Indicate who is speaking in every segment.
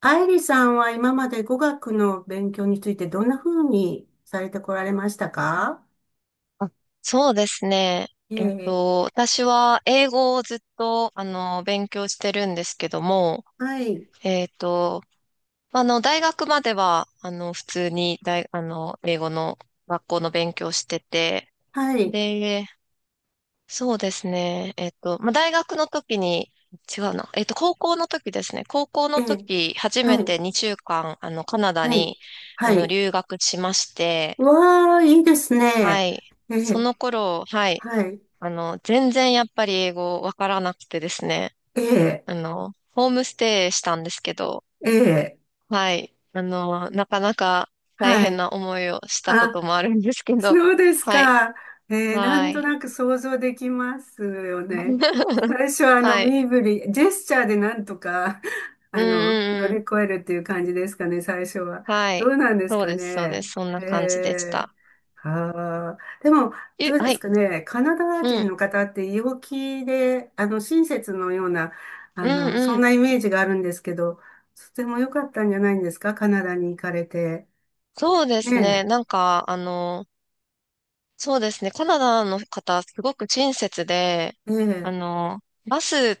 Speaker 1: アイリさんは今まで語学の勉強についてどんな風にされてこられましたか？
Speaker 2: あそうですね。
Speaker 1: ええ、
Speaker 2: 私は英語をずっと、勉強してるんですけども、
Speaker 1: はい、
Speaker 2: えっと、大学までは、普通に大、あの、英語の学校の勉強してて、
Speaker 1: はい、
Speaker 2: で、そうですね。まあ、大学の時に、違うな。えっと、高校の時ですね。高校
Speaker 1: え
Speaker 2: の
Speaker 1: え、
Speaker 2: 時、初め
Speaker 1: はい、
Speaker 2: て2週間、カナダ
Speaker 1: はい、
Speaker 2: に、
Speaker 1: はい。
Speaker 2: 留学しまして、
Speaker 1: わあ、いいです
Speaker 2: は
Speaker 1: ね。
Speaker 2: い。
Speaker 1: え
Speaker 2: そ
Speaker 1: え、
Speaker 2: の頃、はい。
Speaker 1: はい、
Speaker 2: 全然やっぱり英語わからなくてですね。
Speaker 1: ええ、
Speaker 2: ホームステイしたんですけど、
Speaker 1: ええ、
Speaker 2: はい。なかなか大
Speaker 1: は
Speaker 2: 変
Speaker 1: い。
Speaker 2: な思いをしたこ
Speaker 1: あ、
Speaker 2: ともあるんですけ ど、
Speaker 1: そうです
Speaker 2: はい。
Speaker 1: か。ねえー、なん
Speaker 2: は
Speaker 1: と
Speaker 2: い。
Speaker 1: なく想像できますよね。最初は
Speaker 2: はい。
Speaker 1: 身振り、ジェスチャーでなんとか、
Speaker 2: うん
Speaker 1: 乗
Speaker 2: うんう
Speaker 1: り
Speaker 2: ん。
Speaker 1: 越えるっていう感じですかね、最初は。
Speaker 2: は
Speaker 1: ど
Speaker 2: い。
Speaker 1: うなんです
Speaker 2: そう
Speaker 1: か
Speaker 2: です、そうで
Speaker 1: ね。
Speaker 2: す。そんな感じでした。
Speaker 1: はあ、でも、ど
Speaker 2: え、
Speaker 1: うで
Speaker 2: は
Speaker 1: す
Speaker 2: い。
Speaker 1: かね。カナダ
Speaker 2: う
Speaker 1: 人
Speaker 2: ん。
Speaker 1: の方って陽気で、親切のような、
Speaker 2: うん
Speaker 1: そ
Speaker 2: う
Speaker 1: ん
Speaker 2: ん。
Speaker 1: なイメージがあるんですけど、とても良かったんじゃないんですか、カナダに行かれて。
Speaker 2: そうですね。
Speaker 1: ね
Speaker 2: なんか、そうですね。カナダの方、すごく親切で、
Speaker 1: え、え
Speaker 2: あ
Speaker 1: え。
Speaker 2: の、バス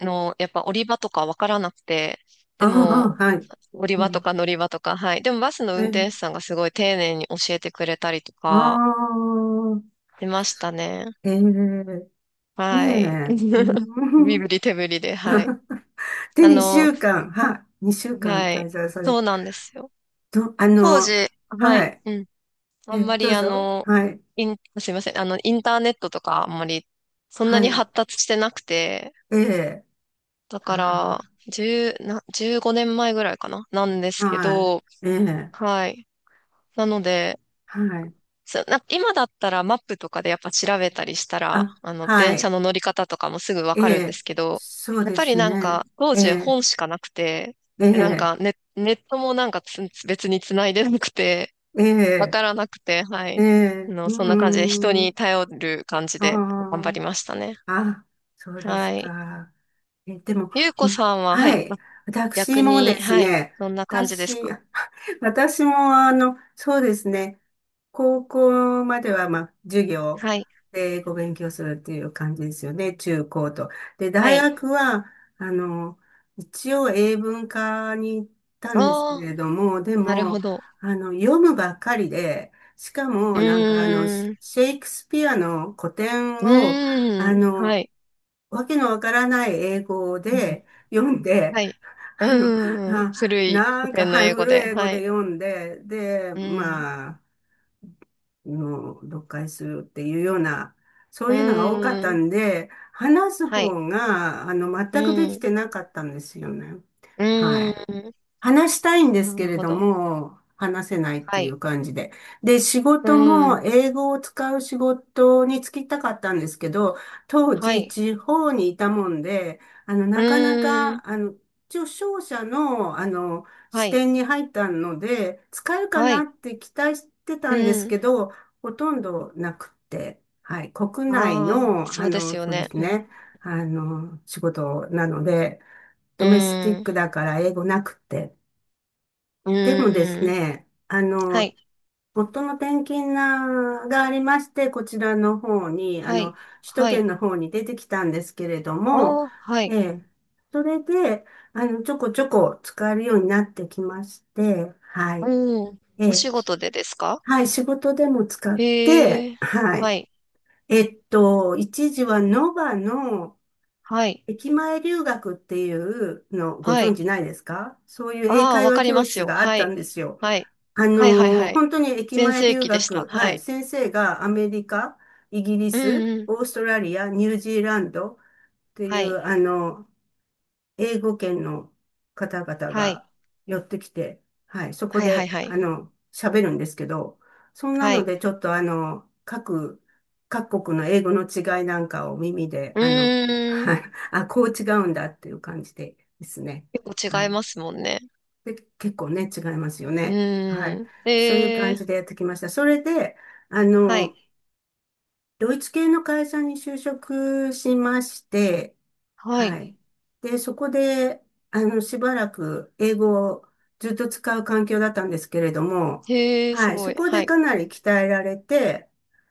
Speaker 2: の、やっぱ降り場とかわからなくて、
Speaker 1: あ
Speaker 2: でも、
Speaker 1: あ、はい。
Speaker 2: 降り
Speaker 1: う
Speaker 2: 場と
Speaker 1: ん、
Speaker 2: か乗り場とか、はい。でもバスの
Speaker 1: え
Speaker 2: 運転
Speaker 1: ー、
Speaker 2: 手さんがすごい丁寧に教えてくれたりと
Speaker 1: あ
Speaker 2: か、
Speaker 1: あ、
Speaker 2: 出ましたね。
Speaker 1: えー、ね
Speaker 2: はい。
Speaker 1: え、う
Speaker 2: 身
Speaker 1: ん、
Speaker 2: 振り手振りで、はい。
Speaker 1: で、
Speaker 2: あ
Speaker 1: 2
Speaker 2: の、
Speaker 1: 週間、はい、2週間
Speaker 2: は
Speaker 1: 滞
Speaker 2: い。
Speaker 1: 在され
Speaker 2: そう
Speaker 1: て、
Speaker 2: なんですよ。
Speaker 1: ど、あ
Speaker 2: 当
Speaker 1: の、
Speaker 2: 時、は
Speaker 1: は
Speaker 2: い。
Speaker 1: い、
Speaker 2: うん。あんま
Speaker 1: ど
Speaker 2: り
Speaker 1: う
Speaker 2: あ
Speaker 1: ぞ、
Speaker 2: の、
Speaker 1: はい、
Speaker 2: イン、すいません。インターネットとかあんまりそんな
Speaker 1: は
Speaker 2: に
Speaker 1: い、
Speaker 2: 発達してなくて、
Speaker 1: ええ、
Speaker 2: だから、
Speaker 1: は
Speaker 2: 1な、15年前ぐらいかななんで
Speaker 1: あ、
Speaker 2: すけ
Speaker 1: はい、
Speaker 2: ど、
Speaker 1: ええ、
Speaker 2: はい。なので、
Speaker 1: はい、
Speaker 2: 今だったらマップとかでやっぱ調べたりしたら、
Speaker 1: あ、は
Speaker 2: 電車
Speaker 1: い、
Speaker 2: の乗り方とかもすぐわ
Speaker 1: え
Speaker 2: かるんで
Speaker 1: え、
Speaker 2: すけど、
Speaker 1: そう
Speaker 2: やっ
Speaker 1: で
Speaker 2: ぱり
Speaker 1: す
Speaker 2: なん
Speaker 1: ね、
Speaker 2: か、当
Speaker 1: え
Speaker 2: 時
Speaker 1: え、
Speaker 2: 本しかなくて、
Speaker 1: え
Speaker 2: で、
Speaker 1: え、
Speaker 2: ネットもなんかつ別に繋いでなくて、
Speaker 1: え
Speaker 2: わか
Speaker 1: え、
Speaker 2: らなくて、は
Speaker 1: え
Speaker 2: い。
Speaker 1: え、うー
Speaker 2: そんな感じで人に
Speaker 1: ん、
Speaker 2: 頼る感じで頑張
Speaker 1: あ
Speaker 2: りましたね。
Speaker 1: あ、あ、そうで
Speaker 2: は
Speaker 1: す
Speaker 2: い。
Speaker 1: か。でも、
Speaker 2: ゆうこさんは、は
Speaker 1: は
Speaker 2: い。
Speaker 1: い。私
Speaker 2: 逆
Speaker 1: もで
Speaker 2: に、
Speaker 1: す
Speaker 2: はい。
Speaker 1: ね、
Speaker 2: どんな感じです
Speaker 1: 私、
Speaker 2: か？
Speaker 1: 私も、そうですね、高校までは、まあ、授業
Speaker 2: はい、
Speaker 1: でご勉強するっていう感じですよね、中高と。で、
Speaker 2: は
Speaker 1: 大
Speaker 2: い。
Speaker 1: 学は、あの、一応英文科に行ったんですけ
Speaker 2: ああ、
Speaker 1: れども、で
Speaker 2: なる
Speaker 1: も、
Speaker 2: ほど。
Speaker 1: 読むばっかりで、しか
Speaker 2: う
Speaker 1: も、なんか、シ
Speaker 2: ーん、
Speaker 1: ェイクスピアの古典
Speaker 2: う
Speaker 1: を、あ
Speaker 2: ーん、は
Speaker 1: の、
Speaker 2: い。
Speaker 1: わけのわからない英語
Speaker 2: うん。
Speaker 1: で読んで、
Speaker 2: はい。
Speaker 1: あの、
Speaker 2: うーん、
Speaker 1: あ、
Speaker 2: 古い
Speaker 1: な
Speaker 2: 古
Speaker 1: んか、
Speaker 2: 典の
Speaker 1: はい、
Speaker 2: 英語
Speaker 1: 古い
Speaker 2: で。
Speaker 1: 英語
Speaker 2: は
Speaker 1: で
Speaker 2: い。
Speaker 1: 読んで、で、
Speaker 2: うーん、
Speaker 1: まあ、読解するっていうような、そ
Speaker 2: う
Speaker 1: ういうのが多かっ
Speaker 2: ー
Speaker 1: た
Speaker 2: ん、
Speaker 1: んで、話す
Speaker 2: はい。
Speaker 1: 方が、
Speaker 2: う
Speaker 1: 全くで
Speaker 2: ー
Speaker 1: き
Speaker 2: ん、
Speaker 1: てなかったんですよね。
Speaker 2: う
Speaker 1: は
Speaker 2: ー
Speaker 1: い。
Speaker 2: ん、
Speaker 1: 話したいんです
Speaker 2: な
Speaker 1: け
Speaker 2: る
Speaker 1: れ
Speaker 2: ほ
Speaker 1: ど
Speaker 2: ど。
Speaker 1: も、話せないと
Speaker 2: は
Speaker 1: い
Speaker 2: い。
Speaker 1: う感じで。で、仕
Speaker 2: う
Speaker 1: 事
Speaker 2: ー
Speaker 1: も
Speaker 2: ん、
Speaker 1: 英語を使う仕事に就きたかったんですけど、当
Speaker 2: は
Speaker 1: 時
Speaker 2: い。
Speaker 1: 地方にいたもんで、
Speaker 2: う
Speaker 1: なかな
Speaker 2: ーん、
Speaker 1: か、一応商社の、
Speaker 2: は
Speaker 1: 視
Speaker 2: い。
Speaker 1: 点に入ったので、使えるか
Speaker 2: は
Speaker 1: な
Speaker 2: い。
Speaker 1: って期待してた
Speaker 2: う
Speaker 1: んです
Speaker 2: ーん、
Speaker 1: けど、ほとんどなくて、はい、国内
Speaker 2: ああ、
Speaker 1: の、
Speaker 2: そうですよ
Speaker 1: そうで
Speaker 2: ね。
Speaker 1: す
Speaker 2: うん、
Speaker 1: ね、仕事なので、
Speaker 2: う
Speaker 1: ドメスティ
Speaker 2: ー
Speaker 1: ッ
Speaker 2: ん、
Speaker 1: クだから英語なくて。
Speaker 2: う
Speaker 1: でもです
Speaker 2: ーん、
Speaker 1: ね、
Speaker 2: はい。
Speaker 1: 夫の転勤ながありまして、こちらの方に、
Speaker 2: はい。
Speaker 1: 首都
Speaker 2: は
Speaker 1: 圏
Speaker 2: い。
Speaker 1: の方に出てきたんですけれど
Speaker 2: あ
Speaker 1: も、
Speaker 2: あ、はい。
Speaker 1: ええ、それで、ちょこちょこ使えるようになってきまして、は
Speaker 2: う
Speaker 1: い。
Speaker 2: ーん、
Speaker 1: え
Speaker 2: お
Speaker 1: え、
Speaker 2: 仕事でですか？
Speaker 1: はい、仕事でも使っ
Speaker 2: へ
Speaker 1: て、
Speaker 2: え、
Speaker 1: は
Speaker 2: は
Speaker 1: い。
Speaker 2: い、
Speaker 1: 一時はノバの
Speaker 2: はい、
Speaker 1: 駅前留学っていうのご
Speaker 2: は
Speaker 1: 存
Speaker 2: い。
Speaker 1: 知ないですか？そういう英
Speaker 2: ああ、
Speaker 1: 会
Speaker 2: わ
Speaker 1: 話
Speaker 2: かり
Speaker 1: 教
Speaker 2: ます
Speaker 1: 室
Speaker 2: よ。
Speaker 1: があっ
Speaker 2: は
Speaker 1: た
Speaker 2: い、
Speaker 1: んですよ。
Speaker 2: はい、はい、はい、はい。
Speaker 1: 本当に駅
Speaker 2: 全
Speaker 1: 前
Speaker 2: 盛
Speaker 1: 留
Speaker 2: 期でした。
Speaker 1: 学、
Speaker 2: は
Speaker 1: はい、
Speaker 2: い。
Speaker 1: 先生がアメリカ、イギリ
Speaker 2: う
Speaker 1: ス、
Speaker 2: んうん。
Speaker 1: オーストラリア、ニュージーランドってい
Speaker 2: は
Speaker 1: う、
Speaker 2: い、
Speaker 1: 英語圏の方々
Speaker 2: はい、
Speaker 1: が寄ってきて、はい、そこ
Speaker 2: はい、はい、
Speaker 1: で、
Speaker 2: はい。
Speaker 1: 喋るんですけど、そんな
Speaker 2: は
Speaker 1: の
Speaker 2: い。
Speaker 1: で、ちょっと、各国の英語の違いなんかを耳で、
Speaker 2: うー
Speaker 1: はい、
Speaker 2: ん。
Speaker 1: あ、こう違うんだっていう感じでですね。
Speaker 2: 結構
Speaker 1: は
Speaker 2: 違いま
Speaker 1: い。
Speaker 2: すもんね。
Speaker 1: で、結構ね、違いますよ
Speaker 2: う
Speaker 1: ね。は
Speaker 2: ー
Speaker 1: い。
Speaker 2: ん。
Speaker 1: そういう
Speaker 2: へ
Speaker 1: 感
Speaker 2: え、
Speaker 1: じでやってきました。それで、あ
Speaker 2: は
Speaker 1: の、
Speaker 2: い、
Speaker 1: ドイツ系の会社に就職しまして、
Speaker 2: は
Speaker 1: は
Speaker 2: い。
Speaker 1: い。で、そこで、しばらく英語をずっと使う環境だったんですけれども、
Speaker 2: へえ、す
Speaker 1: はい。
Speaker 2: ご
Speaker 1: そ
Speaker 2: い。
Speaker 1: こ
Speaker 2: は
Speaker 1: で
Speaker 2: い。
Speaker 1: かなり鍛えられて、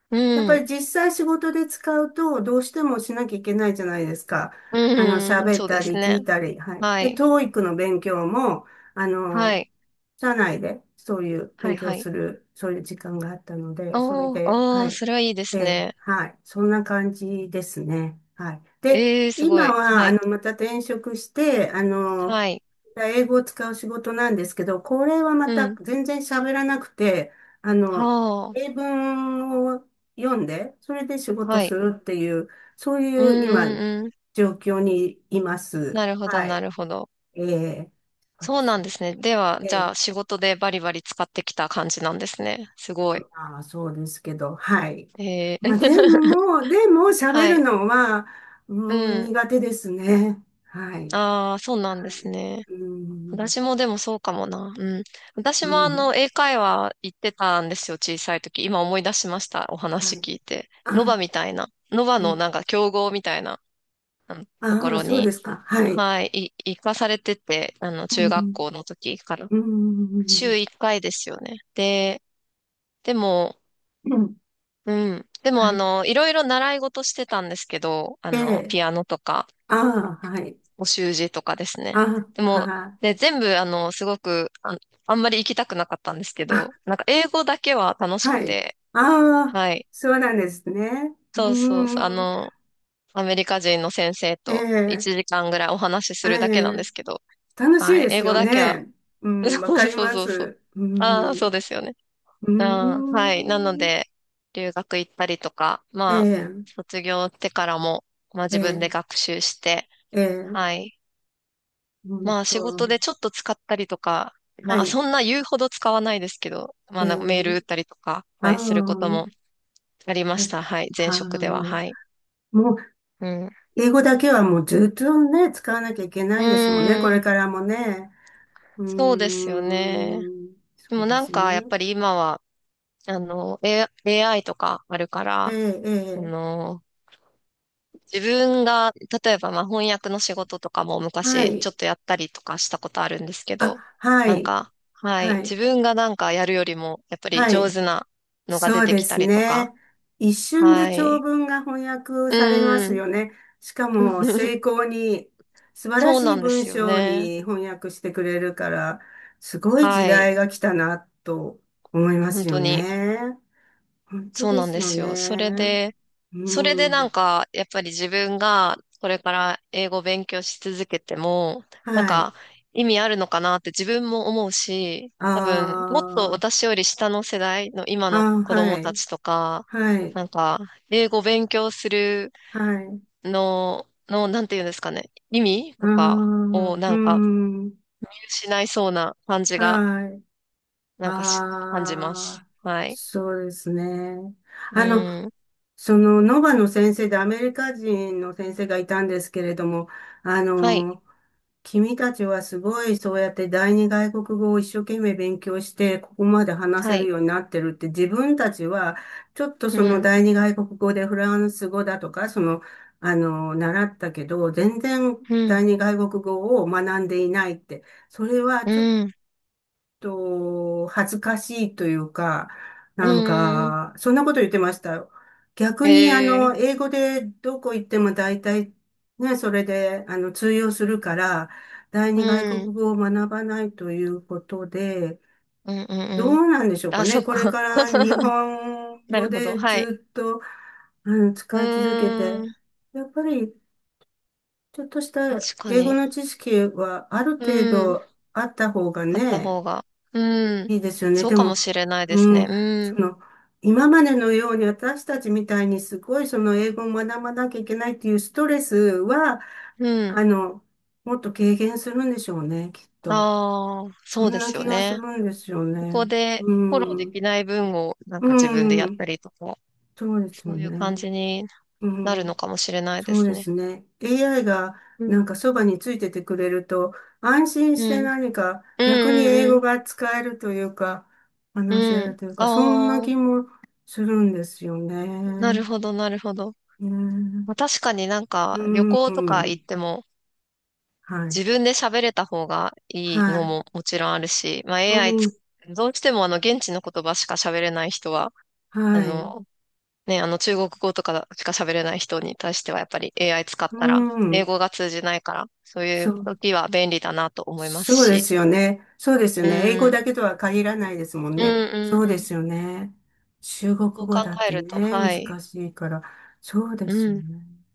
Speaker 2: う
Speaker 1: やっぱり
Speaker 2: ん。
Speaker 1: 実際仕事で使うと、どうしてもしなきゃいけないじゃないですか。
Speaker 2: うーん、
Speaker 1: 喋っ
Speaker 2: そう
Speaker 1: た
Speaker 2: です
Speaker 1: り聞
Speaker 2: ね。
Speaker 1: いたり、はい。
Speaker 2: は
Speaker 1: で、
Speaker 2: い、
Speaker 1: TO の勉強も、あ
Speaker 2: は
Speaker 1: の、
Speaker 2: い、
Speaker 1: 社内でそういう
Speaker 2: は
Speaker 1: 勉
Speaker 2: い、
Speaker 1: 強
Speaker 2: は
Speaker 1: す
Speaker 2: い。
Speaker 1: る、そういう時間があったの
Speaker 2: あ
Speaker 1: で、それ
Speaker 2: あ、
Speaker 1: で、
Speaker 2: あ
Speaker 1: は
Speaker 2: あ、
Speaker 1: い。
Speaker 2: それはいいです
Speaker 1: で、
Speaker 2: ね。
Speaker 1: はい。そんな感じですね。はい。で、
Speaker 2: ええ、すご
Speaker 1: 今
Speaker 2: い。
Speaker 1: は、
Speaker 2: はい、
Speaker 1: また転職して、
Speaker 2: はい。
Speaker 1: 英語を使う仕事なんですけど、これはま
Speaker 2: う
Speaker 1: た
Speaker 2: ん。
Speaker 1: 全然喋らなくて、あの、
Speaker 2: は
Speaker 1: 英
Speaker 2: あ、
Speaker 1: 文を読んで、それで仕事
Speaker 2: は
Speaker 1: す
Speaker 2: い。
Speaker 1: るっていう、そうい
Speaker 2: うん
Speaker 1: う今、
Speaker 2: うんうん。
Speaker 1: 状況にいます。
Speaker 2: なるほど、
Speaker 1: は
Speaker 2: な
Speaker 1: い。
Speaker 2: るほど。
Speaker 1: ええ、そうで
Speaker 2: そう
Speaker 1: す
Speaker 2: なん
Speaker 1: ね。
Speaker 2: ですね。では、
Speaker 1: え
Speaker 2: じゃ
Speaker 1: え、
Speaker 2: あ、仕事でバリバリ使ってきた感じなんですね。すごい。
Speaker 1: まあそうですけど、はい。
Speaker 2: え
Speaker 1: まあで
Speaker 2: ー
Speaker 1: も、喋
Speaker 2: は
Speaker 1: る
Speaker 2: い。
Speaker 1: のは、う
Speaker 2: う
Speaker 1: ん、
Speaker 2: ん。
Speaker 1: 苦手ですね。はい。
Speaker 2: ああ、そうなんで
Speaker 1: は
Speaker 2: す
Speaker 1: い。
Speaker 2: ね。
Speaker 1: うん、
Speaker 2: 私もでもそうかもな。うん。私
Speaker 1: う
Speaker 2: も
Speaker 1: ん、
Speaker 2: 英会話行ってたんですよ、小さい時。今思い出しました。お
Speaker 1: は
Speaker 2: 話
Speaker 1: い。
Speaker 2: 聞いて。ノ
Speaker 1: あ、
Speaker 2: バみたいな。ノバ
Speaker 1: ええ、
Speaker 2: のなんか競合みたいな、あのとこ
Speaker 1: ああ、
Speaker 2: ろ
Speaker 1: そうで
Speaker 2: に、
Speaker 1: すか。はい。
Speaker 2: はい、行かされてて、
Speaker 1: う
Speaker 2: 中学
Speaker 1: ん、
Speaker 2: 校の時から。
Speaker 1: う
Speaker 2: 週1
Speaker 1: ん、
Speaker 2: 回ですよね。で、でも、
Speaker 1: うん、
Speaker 2: うん。でも、
Speaker 1: はい。
Speaker 2: いろいろ習い事してたんですけど、
Speaker 1: ええ、
Speaker 2: ピアノとか、
Speaker 1: ああ、はい。
Speaker 2: お習字とかですね。
Speaker 1: あ
Speaker 2: で
Speaker 1: あ、
Speaker 2: も、
Speaker 1: はい。
Speaker 2: で、全部、あの、すごく、あ、あんまり行きたくなかったんですけ
Speaker 1: あ、
Speaker 2: ど、なんか、英語だけは楽しく
Speaker 1: はい。
Speaker 2: て、
Speaker 1: ああ、
Speaker 2: はい。
Speaker 1: そうなんですね。う
Speaker 2: そうそうそう、
Speaker 1: ん、
Speaker 2: アメリカ人の先生
Speaker 1: え
Speaker 2: と
Speaker 1: え、
Speaker 2: 1時間ぐらいお話し
Speaker 1: え
Speaker 2: するだけなんで
Speaker 1: え、
Speaker 2: すけど、
Speaker 1: 楽しい
Speaker 2: はい。
Speaker 1: で
Speaker 2: 英
Speaker 1: す
Speaker 2: 語
Speaker 1: よ
Speaker 2: だけは、
Speaker 1: ね。うん、わ
Speaker 2: そう
Speaker 1: か
Speaker 2: そ
Speaker 1: り
Speaker 2: う
Speaker 1: ま
Speaker 2: そうそう。
Speaker 1: す。う
Speaker 2: ああ、そう
Speaker 1: ん、
Speaker 2: ですよね。
Speaker 1: う
Speaker 2: あー、はい。なの
Speaker 1: ん、
Speaker 2: で、留学行ったりとか、
Speaker 1: え
Speaker 2: まあ、
Speaker 1: え、
Speaker 2: 卒業してからも、まあ
Speaker 1: え
Speaker 2: 自分で
Speaker 1: え、
Speaker 2: 学習して、
Speaker 1: ええ、
Speaker 2: はい。
Speaker 1: ん
Speaker 2: まあ仕
Speaker 1: と。
Speaker 2: 事でちょっと使ったりとか、
Speaker 1: は
Speaker 2: まあ
Speaker 1: い。
Speaker 2: そんな言うほど使わないですけど、ま
Speaker 1: え
Speaker 2: あなんかメール打っ
Speaker 1: え、
Speaker 2: たりとか、
Speaker 1: あ
Speaker 2: は
Speaker 1: あ、
Speaker 2: い、すること
Speaker 1: は
Speaker 2: もありま
Speaker 1: い。
Speaker 2: した。はい。前
Speaker 1: ああ、
Speaker 2: 職では、
Speaker 1: も
Speaker 2: はい。
Speaker 1: う
Speaker 2: うん。
Speaker 1: 英語だけはもうずっとね、使わなきゃいけ
Speaker 2: う
Speaker 1: ないですもんね、こ
Speaker 2: ー
Speaker 1: れ
Speaker 2: ん、
Speaker 1: からもね。うー
Speaker 2: そうですよね。
Speaker 1: ん、
Speaker 2: で
Speaker 1: そう
Speaker 2: も
Speaker 1: で
Speaker 2: なん
Speaker 1: すね。
Speaker 2: か、やっぱり今は、AI とかあるから、
Speaker 1: ええ、え
Speaker 2: あ
Speaker 1: え、
Speaker 2: の、自分が、例えばまあ翻訳の仕事とかも
Speaker 1: は
Speaker 2: 昔ちょ
Speaker 1: い。
Speaker 2: っとやったりとかしたことあるんですけど、
Speaker 1: あ、は
Speaker 2: なん
Speaker 1: い、
Speaker 2: か、はい、
Speaker 1: は
Speaker 2: 自
Speaker 1: い、
Speaker 2: 分がなんかやるよりも、やっぱり
Speaker 1: は
Speaker 2: 上手
Speaker 1: い。
Speaker 2: なのが出
Speaker 1: そう
Speaker 2: て
Speaker 1: で
Speaker 2: きた
Speaker 1: す
Speaker 2: りとか、
Speaker 1: ね。一瞬で
Speaker 2: は
Speaker 1: 長
Speaker 2: い。
Speaker 1: 文が翻訳されま
Speaker 2: う
Speaker 1: す
Speaker 2: ん。
Speaker 1: よね。しかも、精巧に、素晴ら
Speaker 2: そう
Speaker 1: し
Speaker 2: な
Speaker 1: い
Speaker 2: んで
Speaker 1: 文
Speaker 2: すよ
Speaker 1: 章
Speaker 2: ね。
Speaker 1: に翻訳してくれるから、すごい時
Speaker 2: はい。
Speaker 1: 代が来たな、と思いま
Speaker 2: 本
Speaker 1: すよ
Speaker 2: 当に、
Speaker 1: ね。本当
Speaker 2: そう
Speaker 1: で
Speaker 2: なん
Speaker 1: す
Speaker 2: で
Speaker 1: よ
Speaker 2: すよ。それ
Speaker 1: ね。
Speaker 2: で、
Speaker 1: う
Speaker 2: それでな
Speaker 1: ん。
Speaker 2: んか、やっぱり自分がこれから英語を勉強し続けても、なん
Speaker 1: はい。
Speaker 2: か意味あるのかなって自分も思うし、
Speaker 1: あ
Speaker 2: 多分、もっと私より下の世代の今の
Speaker 1: あ、あー
Speaker 2: 子
Speaker 1: は
Speaker 2: 供た
Speaker 1: い。
Speaker 2: ちとか、
Speaker 1: はい。
Speaker 2: なんか、英語勉強する
Speaker 1: はい。
Speaker 2: の、なんていうんですかね、意味
Speaker 1: あ
Speaker 2: とか
Speaker 1: あ、
Speaker 2: をな
Speaker 1: う
Speaker 2: んか
Speaker 1: ん。
Speaker 2: 見失いそうな感じが、
Speaker 1: はい。
Speaker 2: なんかし、感じま
Speaker 1: あ
Speaker 2: す。
Speaker 1: あ、
Speaker 2: はい。
Speaker 1: そうですね。
Speaker 2: う
Speaker 1: あの、
Speaker 2: ん。
Speaker 1: その、ノバの先生でアメリカ人の先生がいたんですけれども、あ
Speaker 2: はい。
Speaker 1: の、君たちはすごいそうやって第二外国語を一生懸命勉強してここまで話
Speaker 2: は
Speaker 1: せる
Speaker 2: い。
Speaker 1: ようになってるって自分たちはちょっと
Speaker 2: う
Speaker 1: その
Speaker 2: ん。
Speaker 1: 第二外国語でフランス語だとかその習ったけど全然
Speaker 2: うん。
Speaker 1: 第二外国語を学んでいないってそれはちょっ
Speaker 2: うん。
Speaker 1: と、恥ずかしいというか、なん
Speaker 2: うん。
Speaker 1: か、そんなこと言ってました。逆に、
Speaker 2: ええ。
Speaker 1: 英語でどこ行っても大体、ね、それで、通用するから、第
Speaker 2: う
Speaker 1: 二外
Speaker 2: ん、
Speaker 1: 国
Speaker 2: うん、
Speaker 1: 語を学ばないということで、
Speaker 2: うん、
Speaker 1: ど
Speaker 2: うん。
Speaker 1: うなんでしょうか
Speaker 2: あ、そ
Speaker 1: ね。
Speaker 2: っ
Speaker 1: これ
Speaker 2: か。
Speaker 1: から日 本
Speaker 2: な
Speaker 1: 語
Speaker 2: るほど。
Speaker 1: で
Speaker 2: はい。
Speaker 1: ずっと、
Speaker 2: う
Speaker 1: 使い続けて、
Speaker 2: ーん、
Speaker 1: やっぱり、ちょっとした
Speaker 2: 確か
Speaker 1: 英語
Speaker 2: に。
Speaker 1: の知識はある程
Speaker 2: うん、
Speaker 1: 度あった方が
Speaker 2: あった
Speaker 1: ね、
Speaker 2: 方が。うん、
Speaker 1: いいですよね。
Speaker 2: そう
Speaker 1: で
Speaker 2: かも
Speaker 1: も、
Speaker 2: しれないです
Speaker 1: う
Speaker 2: ね。
Speaker 1: ん、
Speaker 2: うん、
Speaker 1: その、今までのように私たちみたいにすごいその英語を学ばなきゃいけないっていうストレスは、
Speaker 2: うん。
Speaker 1: あの、もっと軽減するんでしょうね、きっと。
Speaker 2: ああ、
Speaker 1: そ
Speaker 2: そ
Speaker 1: ん
Speaker 2: うで
Speaker 1: な
Speaker 2: すよ
Speaker 1: 気がす
Speaker 2: ね。
Speaker 1: るんですよ
Speaker 2: ここ
Speaker 1: ね。
Speaker 2: で
Speaker 1: う
Speaker 2: フォローで
Speaker 1: ん、
Speaker 2: きない分をなんか自分でや
Speaker 1: う
Speaker 2: っ
Speaker 1: ん、
Speaker 2: たりとか、
Speaker 1: そうです
Speaker 2: そう
Speaker 1: よ
Speaker 2: いう感
Speaker 1: ね。
Speaker 2: じに
Speaker 1: う
Speaker 2: なるの
Speaker 1: ん、
Speaker 2: かもしれないで
Speaker 1: そう
Speaker 2: す
Speaker 1: です
Speaker 2: ね。
Speaker 1: ね。AI が
Speaker 2: う
Speaker 1: なん
Speaker 2: ん、
Speaker 1: かそばについててくれると、安心
Speaker 2: う
Speaker 1: して
Speaker 2: ん、
Speaker 1: 何か
Speaker 2: うん、う
Speaker 1: 逆に英
Speaker 2: ん、う
Speaker 1: 語
Speaker 2: ん。
Speaker 1: が使えるというか、
Speaker 2: う
Speaker 1: 話せる
Speaker 2: ん。
Speaker 1: というか、そんな
Speaker 2: あ
Speaker 1: 気
Speaker 2: あ、
Speaker 1: もするんですよ
Speaker 2: な
Speaker 1: ね。
Speaker 2: るほど、なるほど。
Speaker 1: うん。
Speaker 2: まあ確かになん
Speaker 1: う
Speaker 2: か旅行とか行
Speaker 1: ん。
Speaker 2: っても
Speaker 1: はい。
Speaker 2: 自分で喋れた方が
Speaker 1: は
Speaker 2: いいの
Speaker 1: い。
Speaker 2: ももちろんあるし、ま
Speaker 1: う
Speaker 2: あ AI つ、
Speaker 1: ん。
Speaker 2: どうしてもあの現地の言葉しか喋れない人は、あ
Speaker 1: はい。
Speaker 2: のね、あの中国語とかしか喋れない人に対してはやっぱり AI 使っ
Speaker 1: う
Speaker 2: たら英
Speaker 1: ん。
Speaker 2: 語が通じないから、そうい
Speaker 1: そ
Speaker 2: う
Speaker 1: う、
Speaker 2: 時は便利だなと思います
Speaker 1: そうで
Speaker 2: し。
Speaker 1: すよね。そうですよ
Speaker 2: うん、
Speaker 1: ね。英語
Speaker 2: うん、
Speaker 1: だけとは限らないですもん
Speaker 2: うん、
Speaker 1: ね。そう
Speaker 2: う
Speaker 1: で
Speaker 2: ん。
Speaker 1: すよね。中国
Speaker 2: そう
Speaker 1: 語
Speaker 2: 考
Speaker 1: だっ
Speaker 2: え
Speaker 1: て
Speaker 2: ると、
Speaker 1: ね、
Speaker 2: はい。
Speaker 1: 難しいから。そうで
Speaker 2: う
Speaker 1: すよ
Speaker 2: ん。
Speaker 1: ね。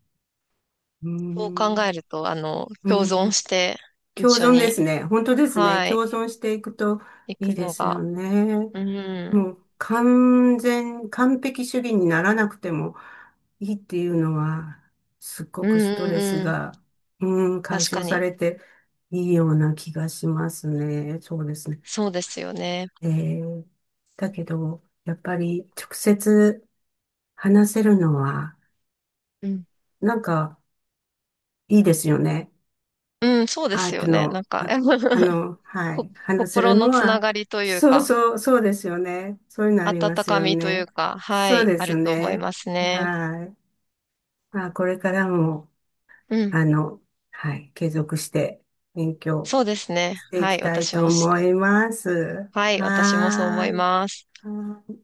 Speaker 1: うー
Speaker 2: そう考え
Speaker 1: ん、
Speaker 2: ると、
Speaker 1: う
Speaker 2: 共
Speaker 1: ーん、
Speaker 2: 存して一
Speaker 1: 共
Speaker 2: 緒
Speaker 1: 存です
Speaker 2: に、
Speaker 1: ね。本当ですね。
Speaker 2: はい、
Speaker 1: 共存していくと
Speaker 2: 行
Speaker 1: いい
Speaker 2: く
Speaker 1: で
Speaker 2: の
Speaker 1: すよ
Speaker 2: が、
Speaker 1: ね。
Speaker 2: うん。
Speaker 1: もう完璧主義にならなくてもいいっていうのは、すっご
Speaker 2: うん
Speaker 1: く
Speaker 2: う
Speaker 1: ストレス
Speaker 2: んうん。
Speaker 1: が、うん、解
Speaker 2: 確
Speaker 1: 消
Speaker 2: か
Speaker 1: さ
Speaker 2: に。
Speaker 1: れていいような気がしますね。そうですね。
Speaker 2: そうですよね。
Speaker 1: えーだけど、やっぱり直接話せるのは、
Speaker 2: うん。
Speaker 1: なんかいいですよね。
Speaker 2: うん、そうで
Speaker 1: ア
Speaker 2: す
Speaker 1: ート
Speaker 2: よね。な
Speaker 1: の、
Speaker 2: んか、
Speaker 1: あ、は
Speaker 2: こ、
Speaker 1: い、話せ
Speaker 2: 心
Speaker 1: るの
Speaker 2: のつな
Speaker 1: は、
Speaker 2: がりという
Speaker 1: そう
Speaker 2: か、
Speaker 1: そう、そうですよね。そういうのありま
Speaker 2: 温
Speaker 1: す
Speaker 2: か
Speaker 1: よ
Speaker 2: みとい
Speaker 1: ね。
Speaker 2: うか、は
Speaker 1: そう
Speaker 2: い、
Speaker 1: で
Speaker 2: あ
Speaker 1: す
Speaker 2: ると思い
Speaker 1: ね。
Speaker 2: ますね。
Speaker 1: はい。まあ、これからも、
Speaker 2: うん。
Speaker 1: あの、はい、継続して勉強
Speaker 2: そうですね。
Speaker 1: してい
Speaker 2: は
Speaker 1: き
Speaker 2: い、
Speaker 1: たい
Speaker 2: 私
Speaker 1: と
Speaker 2: もし、
Speaker 1: 思います。
Speaker 2: はい、私もそう思
Speaker 1: は
Speaker 2: い
Speaker 1: ーい。
Speaker 2: ます。
Speaker 1: はーい